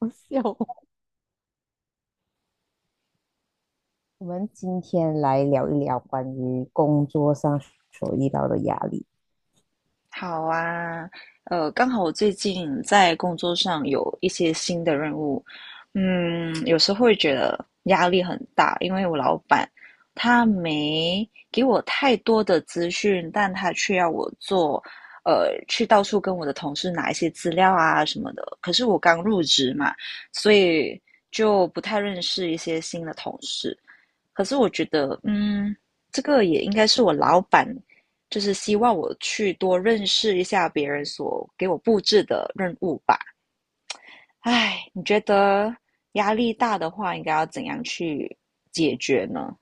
好笑哦 我们今天来聊一聊关于工作上所遇到的压力。好啊，刚好我最近在工作上有一些新的任务，有时候会觉得压力很大，因为我老板他没给我太多的资讯，但他却要我做，去到处跟我的同事拿一些资料啊什么的。可是我刚入职嘛，所以就不太认识一些新的同事。可是我觉得，这个也应该是我老板，就是希望我去多认识一下别人所给我布置的任务吧。唉，你觉得压力大的话，应该要怎样去解决呢？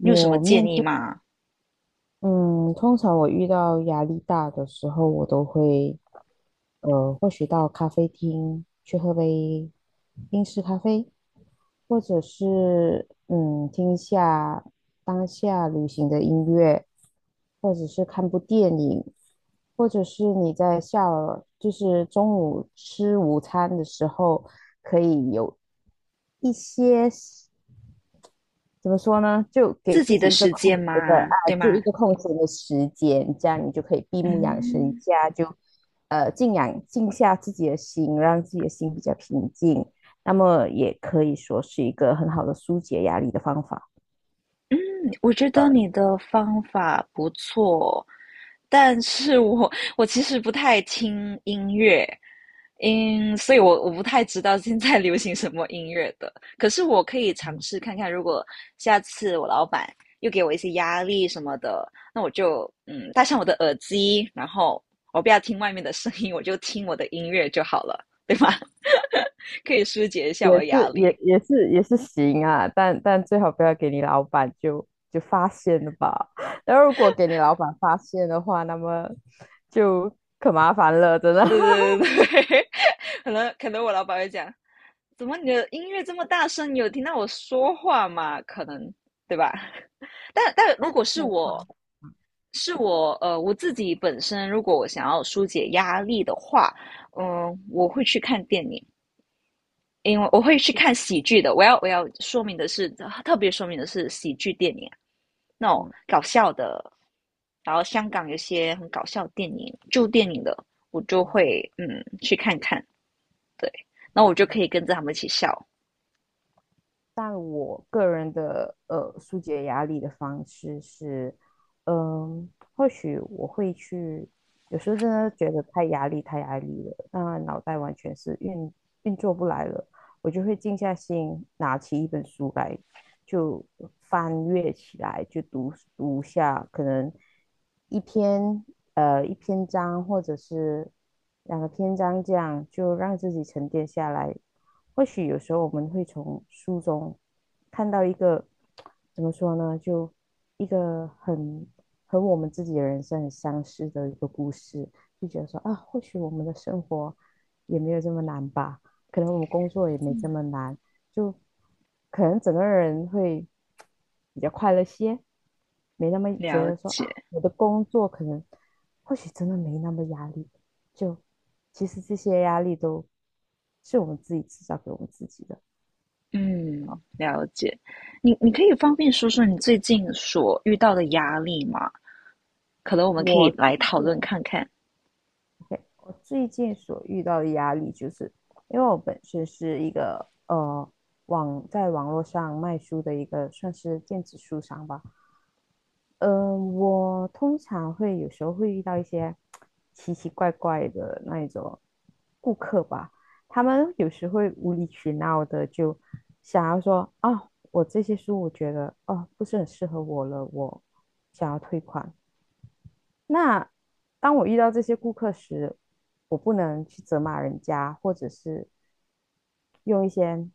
你有什么建面议对。吗？嗯，通常我遇到压力大的时候，我都会，或许到咖啡厅去喝杯英式咖啡，或者是听一下当下流行的音乐，或者是看部电影，或者是你在下了就是中午吃午餐的时候，可以有一些。怎么说呢？就给自自己的己时间吗？对吗？一个空闲的时间，这样你就可以闭目养神一嗯。下，就静下自己的心，让自己的心比较平静。那么也可以说是一个很好的疏解压力的方法。我觉得你的方法不错，但是我其实不太听音乐，嗯，所以我不太知道现在流行什么音乐的。可是我可以尝试看看，如果下次我老板又给我一些压力什么的，那我就戴上我的耳机，然后我不要听外面的声音，我就听我的音乐就好了，对吗？可以疏解一下我也的压是也力。也是也是行啊，但最好不要给你老板就发现了吧。那如果给你老板发现的话，那么就可麻烦了，真的。对 对对对对 可能我老板会讲，怎么你的音乐这么大声？你有听到我说话吗？可能对吧？但如那果是通我常是我我自己本身，如果我想要疏解压力的话，嗯、我会去看电影。因为我会去就看喜剧的。我要说明的是，特别说明的是喜剧电影，那种嗯。搞笑的。然后香港有些很搞笑的电影、旧电影的，我就会去看看。对，那我就可以跟着他们一起笑。但我个人的疏解压力的方式是，嗯，或许我会去，有时候真的觉得太压力太压力了，那脑袋完全是运作不来了，我就会静下心拿起一本书来，就翻阅起来，就读下可能一篇一篇章或者是两个篇章这样，就让自己沉淀下来，或许有时候我们会从书中看到一个怎么说呢，就一个很和我们自己的人生很相似的一个故事，就觉得说啊，或许我们的生活也没有这么难吧，可能我们工作也没这么难，就可能整个人会比较快乐些，没那么觉了得说解，啊，我的工作可能或许真的没那么压力，就其实这些压力都是我们自己制造给我们自己的。嗯，了解。你你可以方便说说你最近所遇到的压力吗？可能我们可以我最来讨近论看看。我最近所遇到的压力，就是因为我本身是一个在网络上卖书的一个算是电子书商吧，我通常会有时候会遇到一些奇奇怪怪的那一种顾客吧，他们有时会无理取闹的就想要说啊，我这些书我觉得哦不是很适合我了，我想要退款。那当我遇到这些顾客时，我不能去责骂人家，或者是用一些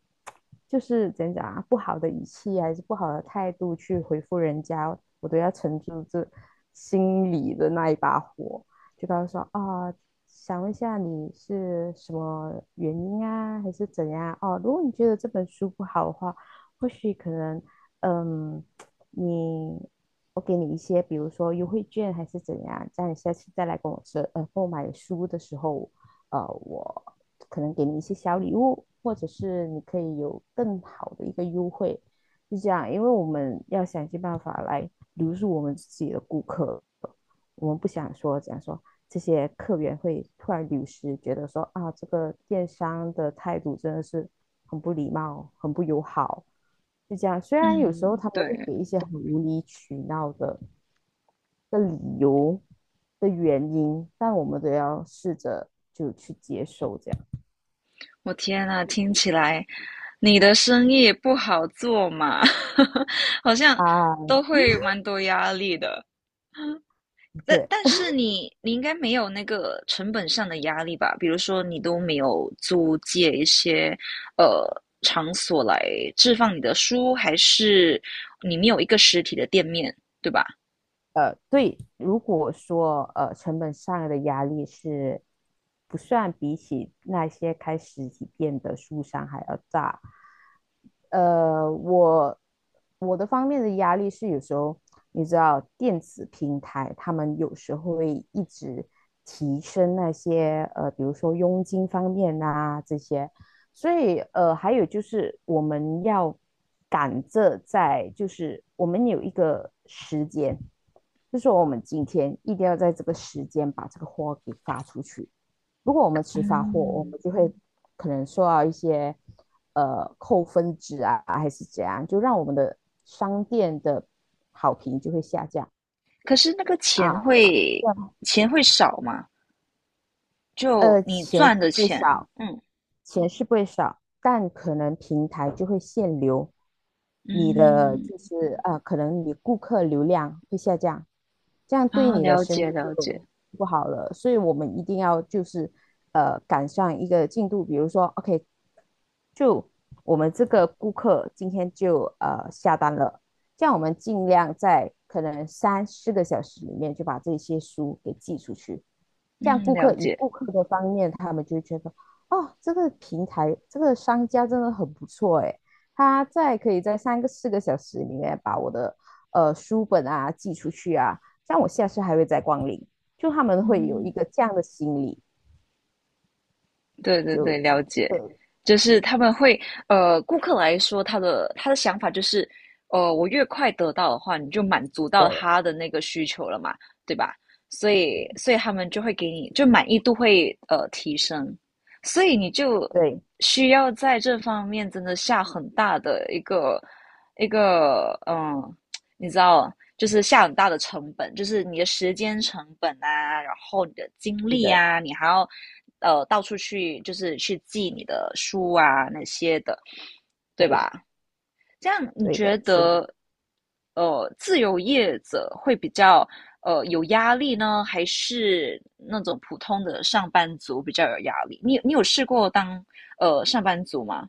就是怎样讲啊，不好的语气还是不好的态度去回复人家，我都要沉住这心里的那一把火，就告诉说啊。想问一下你是什么原因啊，还是怎样？哦，如果你觉得这本书不好的话，或许可能，嗯，你我给你一些，比如说优惠券还是怎样，这样你下次再来跟我说，购买书的时候，我可能给你一些小礼物，或者是你可以有更好的一个优惠，就这样，因为我们要想尽办法来留住我们自己的顾客，我们不想说讲说这些客源会突然流失，觉得说啊，这个电商的态度真的是很不礼貌，很不友好，就这样。虽然有时候嗯，他们会对，给一些很无理取闹的的理由的原因，但我们都要试着就去接受这样我天呐，听起来你的生意也不好做嘛，好像啊，都会蛮多压力的。的但确，但是你你应该没有那个成本上的压力吧？比如说你都没有租借一些呃场所来置放你的书，还是你没有一个实体的店面，对吧？对，如果说成本上的压力是不算比起那些开实体店的书商还要大，呃，我我的方面的压力是有时候，你知道，电子平台他们有时候会一直提升那些比如说佣金方面啊这些，所以还有就是我们要赶着在，就是我们有一个时间，就说我们今天一定要在这个时间把这个货给发出去。如果我们迟发货，我嗯，们就会可能受到一些扣分值啊，还是怎样，就让我们的商店的好评就会下降可是那个钱啊。会钱会少嘛？就你钱赚是的会钱，少，嗯钱是不会少，但可能平台就会限流，你的嗯。就是可能你顾客流量会下降，这样对啊，你的了生解意了解，就不好了。所以我们一定要就是赶上一个进度，比如说 OK，就我们这个顾客今天就下单了，这样我们尽量在可能三四个小时里面就把这些书给寄出去。这样嗯，顾了客以解，顾客的方面，他们就会觉得，哦，这个平台这个商家真的很不错诶，他在可以在三个四个小时里面把我的书本啊寄出去啊，这样我下次还会再光临，就他们会有一嗯，个这样的心理，对对对，就了解，呃就是他们会，呃，顾客来说，他的想法就是，呃，我越快得到的话，你就满足到对他的那个需求了嘛，对吧？所以，对所以他们就会给你，就满意度会提升，所以你就对，需要在这方面真的下很大的一个嗯你知道，就是下很大的成本，就是你的时间成本啊，然后你的精是力的，啊，你还要到处去就是去寄你的书啊那些的，对对吧？这样你对觉的，所以得，呃，自由业者会比较有压力呢，还是那种普通的上班族比较有压力？你你有试过当上班族吗？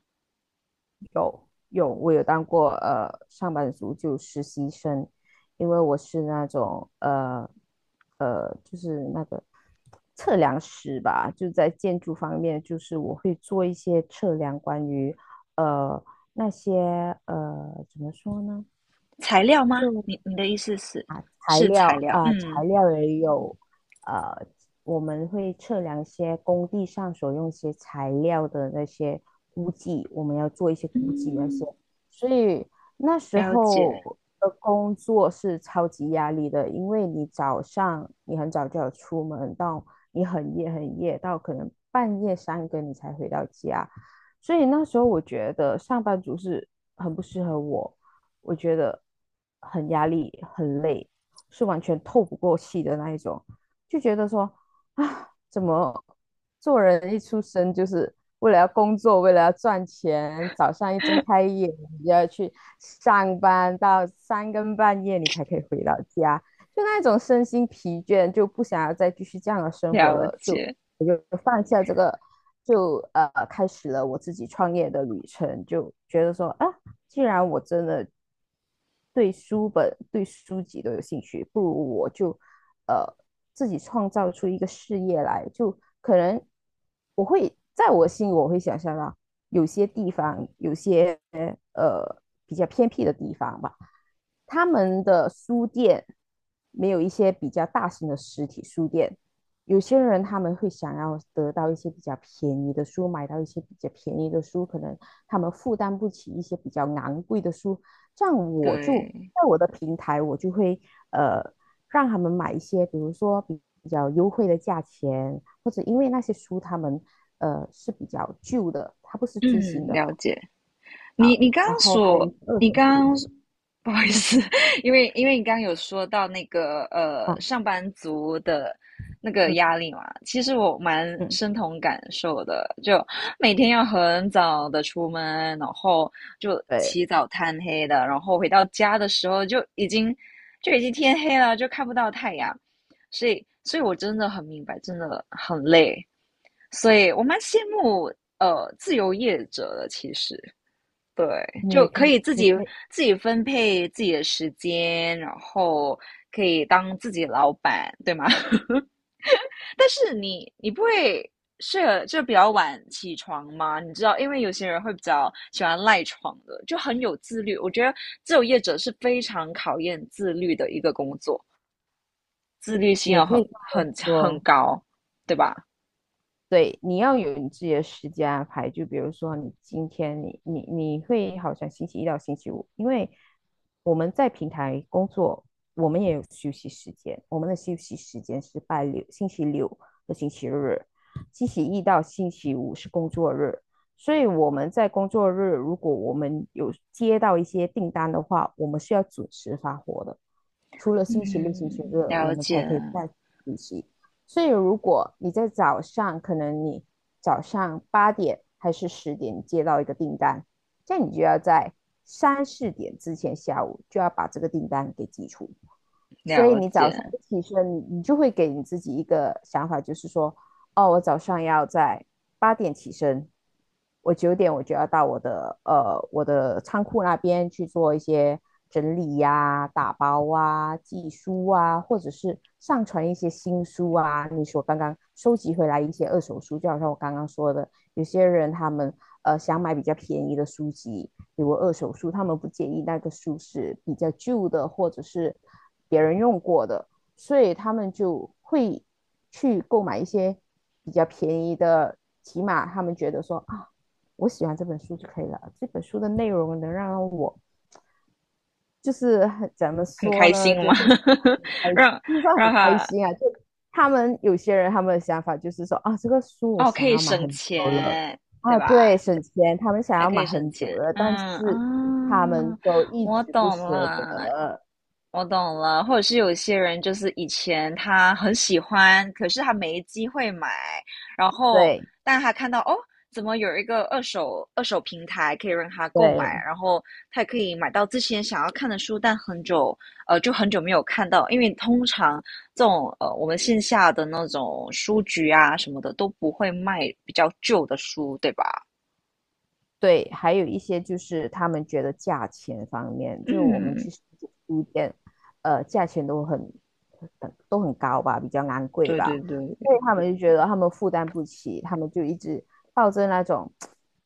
有，我有当过上班族，就实习生，因为我是那种就是那个测量师吧，就在建筑方面，就是我会做一些测量关于呃那些怎么说呢，材料吗？你就你的意思是材是材料料？啊、嗯材料也有，呃，我们会测量一些工地上所用一些材料的那些估计，我们要做一些估计那些，嗯。所以那时了解，候的工作是超级压力的，因为你早上你很早就要出门，到你很夜很夜，到可能半夜三更你才回到家，所以那时候我觉得上班族是很不适合我，我觉得很压力，很累。是完全透不过气的那一种，就觉得说啊，怎么做人一出生就是为了要工作，为了要赚钱，早上一睁开眼你就要去上班，到三更半夜你才可以回到家，就那种身心疲倦，就不想要再继续这样的生活了了，就解，我就放下这个，就开始了我自己创业的旅程，就觉得说啊。既然我真的对书本、对书籍都有兴趣，不如我就呃自己创造出一个事业来。就可能我会在我心里，我会想象到有些地方，有些呃比较偏僻的地方吧，他们的书店没有一些比较大型的实体书店。有些人他们会想要得到一些比较便宜的书，买到一些比较便宜的书，可能他们负担不起一些比较昂贵的书，这样我就对，在我的平台，我就会呃让他们买一些，比如说比较优惠的价钱，或者因为那些书他们是比较旧的，它不是最嗯，新的，了解。你你刚然刚后还有一所，些二手你刚书刚 不好意思，因为你刚刚有说到那个啊，上班族的那个嗯压力嘛，其实我蛮嗯，深同感受的，就每天要很早的出门，然后就对，起早贪黑的，然后回到家的时候就已经天黑了，就看不到太阳，所以我真的很明白，真的很累。所以我蛮羡慕自由业者的，其实对，你也就可可以，以自己分配自己的时间，然后可以当自己的老板，对吗？但是你你不会是就比较晚起床吗？你知道，因为有些人会比较喜欢赖床的，就很有自律。我觉得自由业者是非常考验自律的一个工作，自律性也要可以很这么很很说。高，对吧？对，你要有你自己的时间安排。就比如说，你今天你会好像星期一到星期五，因为我们在平台工作，我们也有休息时间。我们的休息时间是星期六和星期日，星期一到星期五是工作日。所以我们在工作日，如果我们有接到一些订单的话，我们是要准时发货的。除了星期六、星期嗯，日，我了们才解可以再补习。所以如果你在早上，可能你早上八点还是10点接到一个订单，这样你就要在三四点之前下午就要把这个订单给寄出。所以了你早上解。一起身，你就会给你自己一个想法，就是说哦，我早上要在八点起身，我9点我就要到我的仓库那边去做一些整理呀、打包啊、寄书啊，或者是上传一些新书啊。你说刚刚收集回来一些二手书，就好像我刚刚说的，有些人他们想买比较便宜的书籍，比如二手书，他们不介意那个书是比较旧的，或者是别人用过的，所以他们就会去购买一些比较便宜的，起码他们觉得说啊，我喜欢这本书就可以了，这本书的内容能让我就是怎么很说开呢，心吗？开，让就是说很让开他心啊。就他们有些人他们的想法就是说啊，这个书我哦，想可以要买省很久了钱，对啊，吧？对，省钱，他们想还要可买以省很久钱，了，嗯但是啊，他们都一我直不懂舍了，得，我懂了。或者是有些人就是以前他很喜欢，可是他没机会买，然后对但他看到哦，怎么有一个二手平台可以让他购买，对。然后他也可以买到之前想要看的书，但很久就很久没有看到，因为通常这种呃，我们线下的那种书局啊什么的都不会卖比较旧的书，对吧？对，还有一些就是他们觉得价钱方面，就是我们嗯，去书店，价钱都很高吧，比较昂贵对对吧，对，所以他们就觉得他们负担不起，他们就一直抱着那种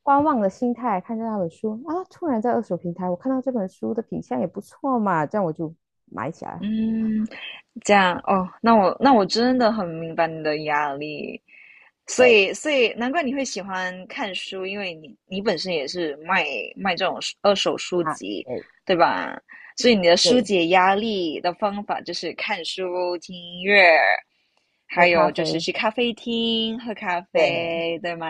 观望的心态看着那本书啊，突然在二手平台我看到这本书的品相也不错嘛，这样我就买起来。嗯，这样哦，那我真的很明白你的压力，所对以，所以难怪你会喜欢看书，因为你你本身也是卖这种书二手书啊，籍，对对吧？所以你的疏对，解压力的方法就是看书、听音乐，喝还咖有就是啡，去咖啡厅喝咖对，啡，对吗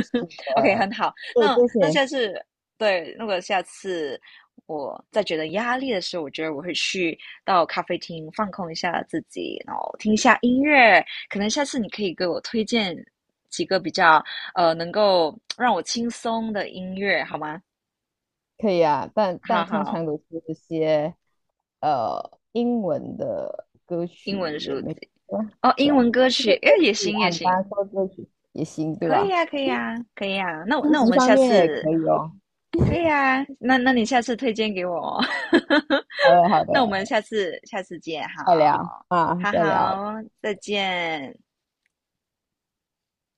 是 ？OK，很的，好。对那这那些下次，对，如果下次我在觉得压力的时候，我觉得我会去到咖啡厅放空一下自己，然后听一下音乐，可能下次你可以给我推荐几个比较能够让我轻松的音乐，好吗？可以啊，但好但通好，常都是一些英文的歌曲英文也书籍没啊，哦，对英啊，文歌就是曲，哎，歌也曲行啊，也你刚行，刚说歌曲也行，对吧？可以呀，书那我籍们方下面也次可以哦。可以啊，那那你下次推荐给我哦，好 的，好的，那我们下次见，再聊好，啊，好再聊。好，再见。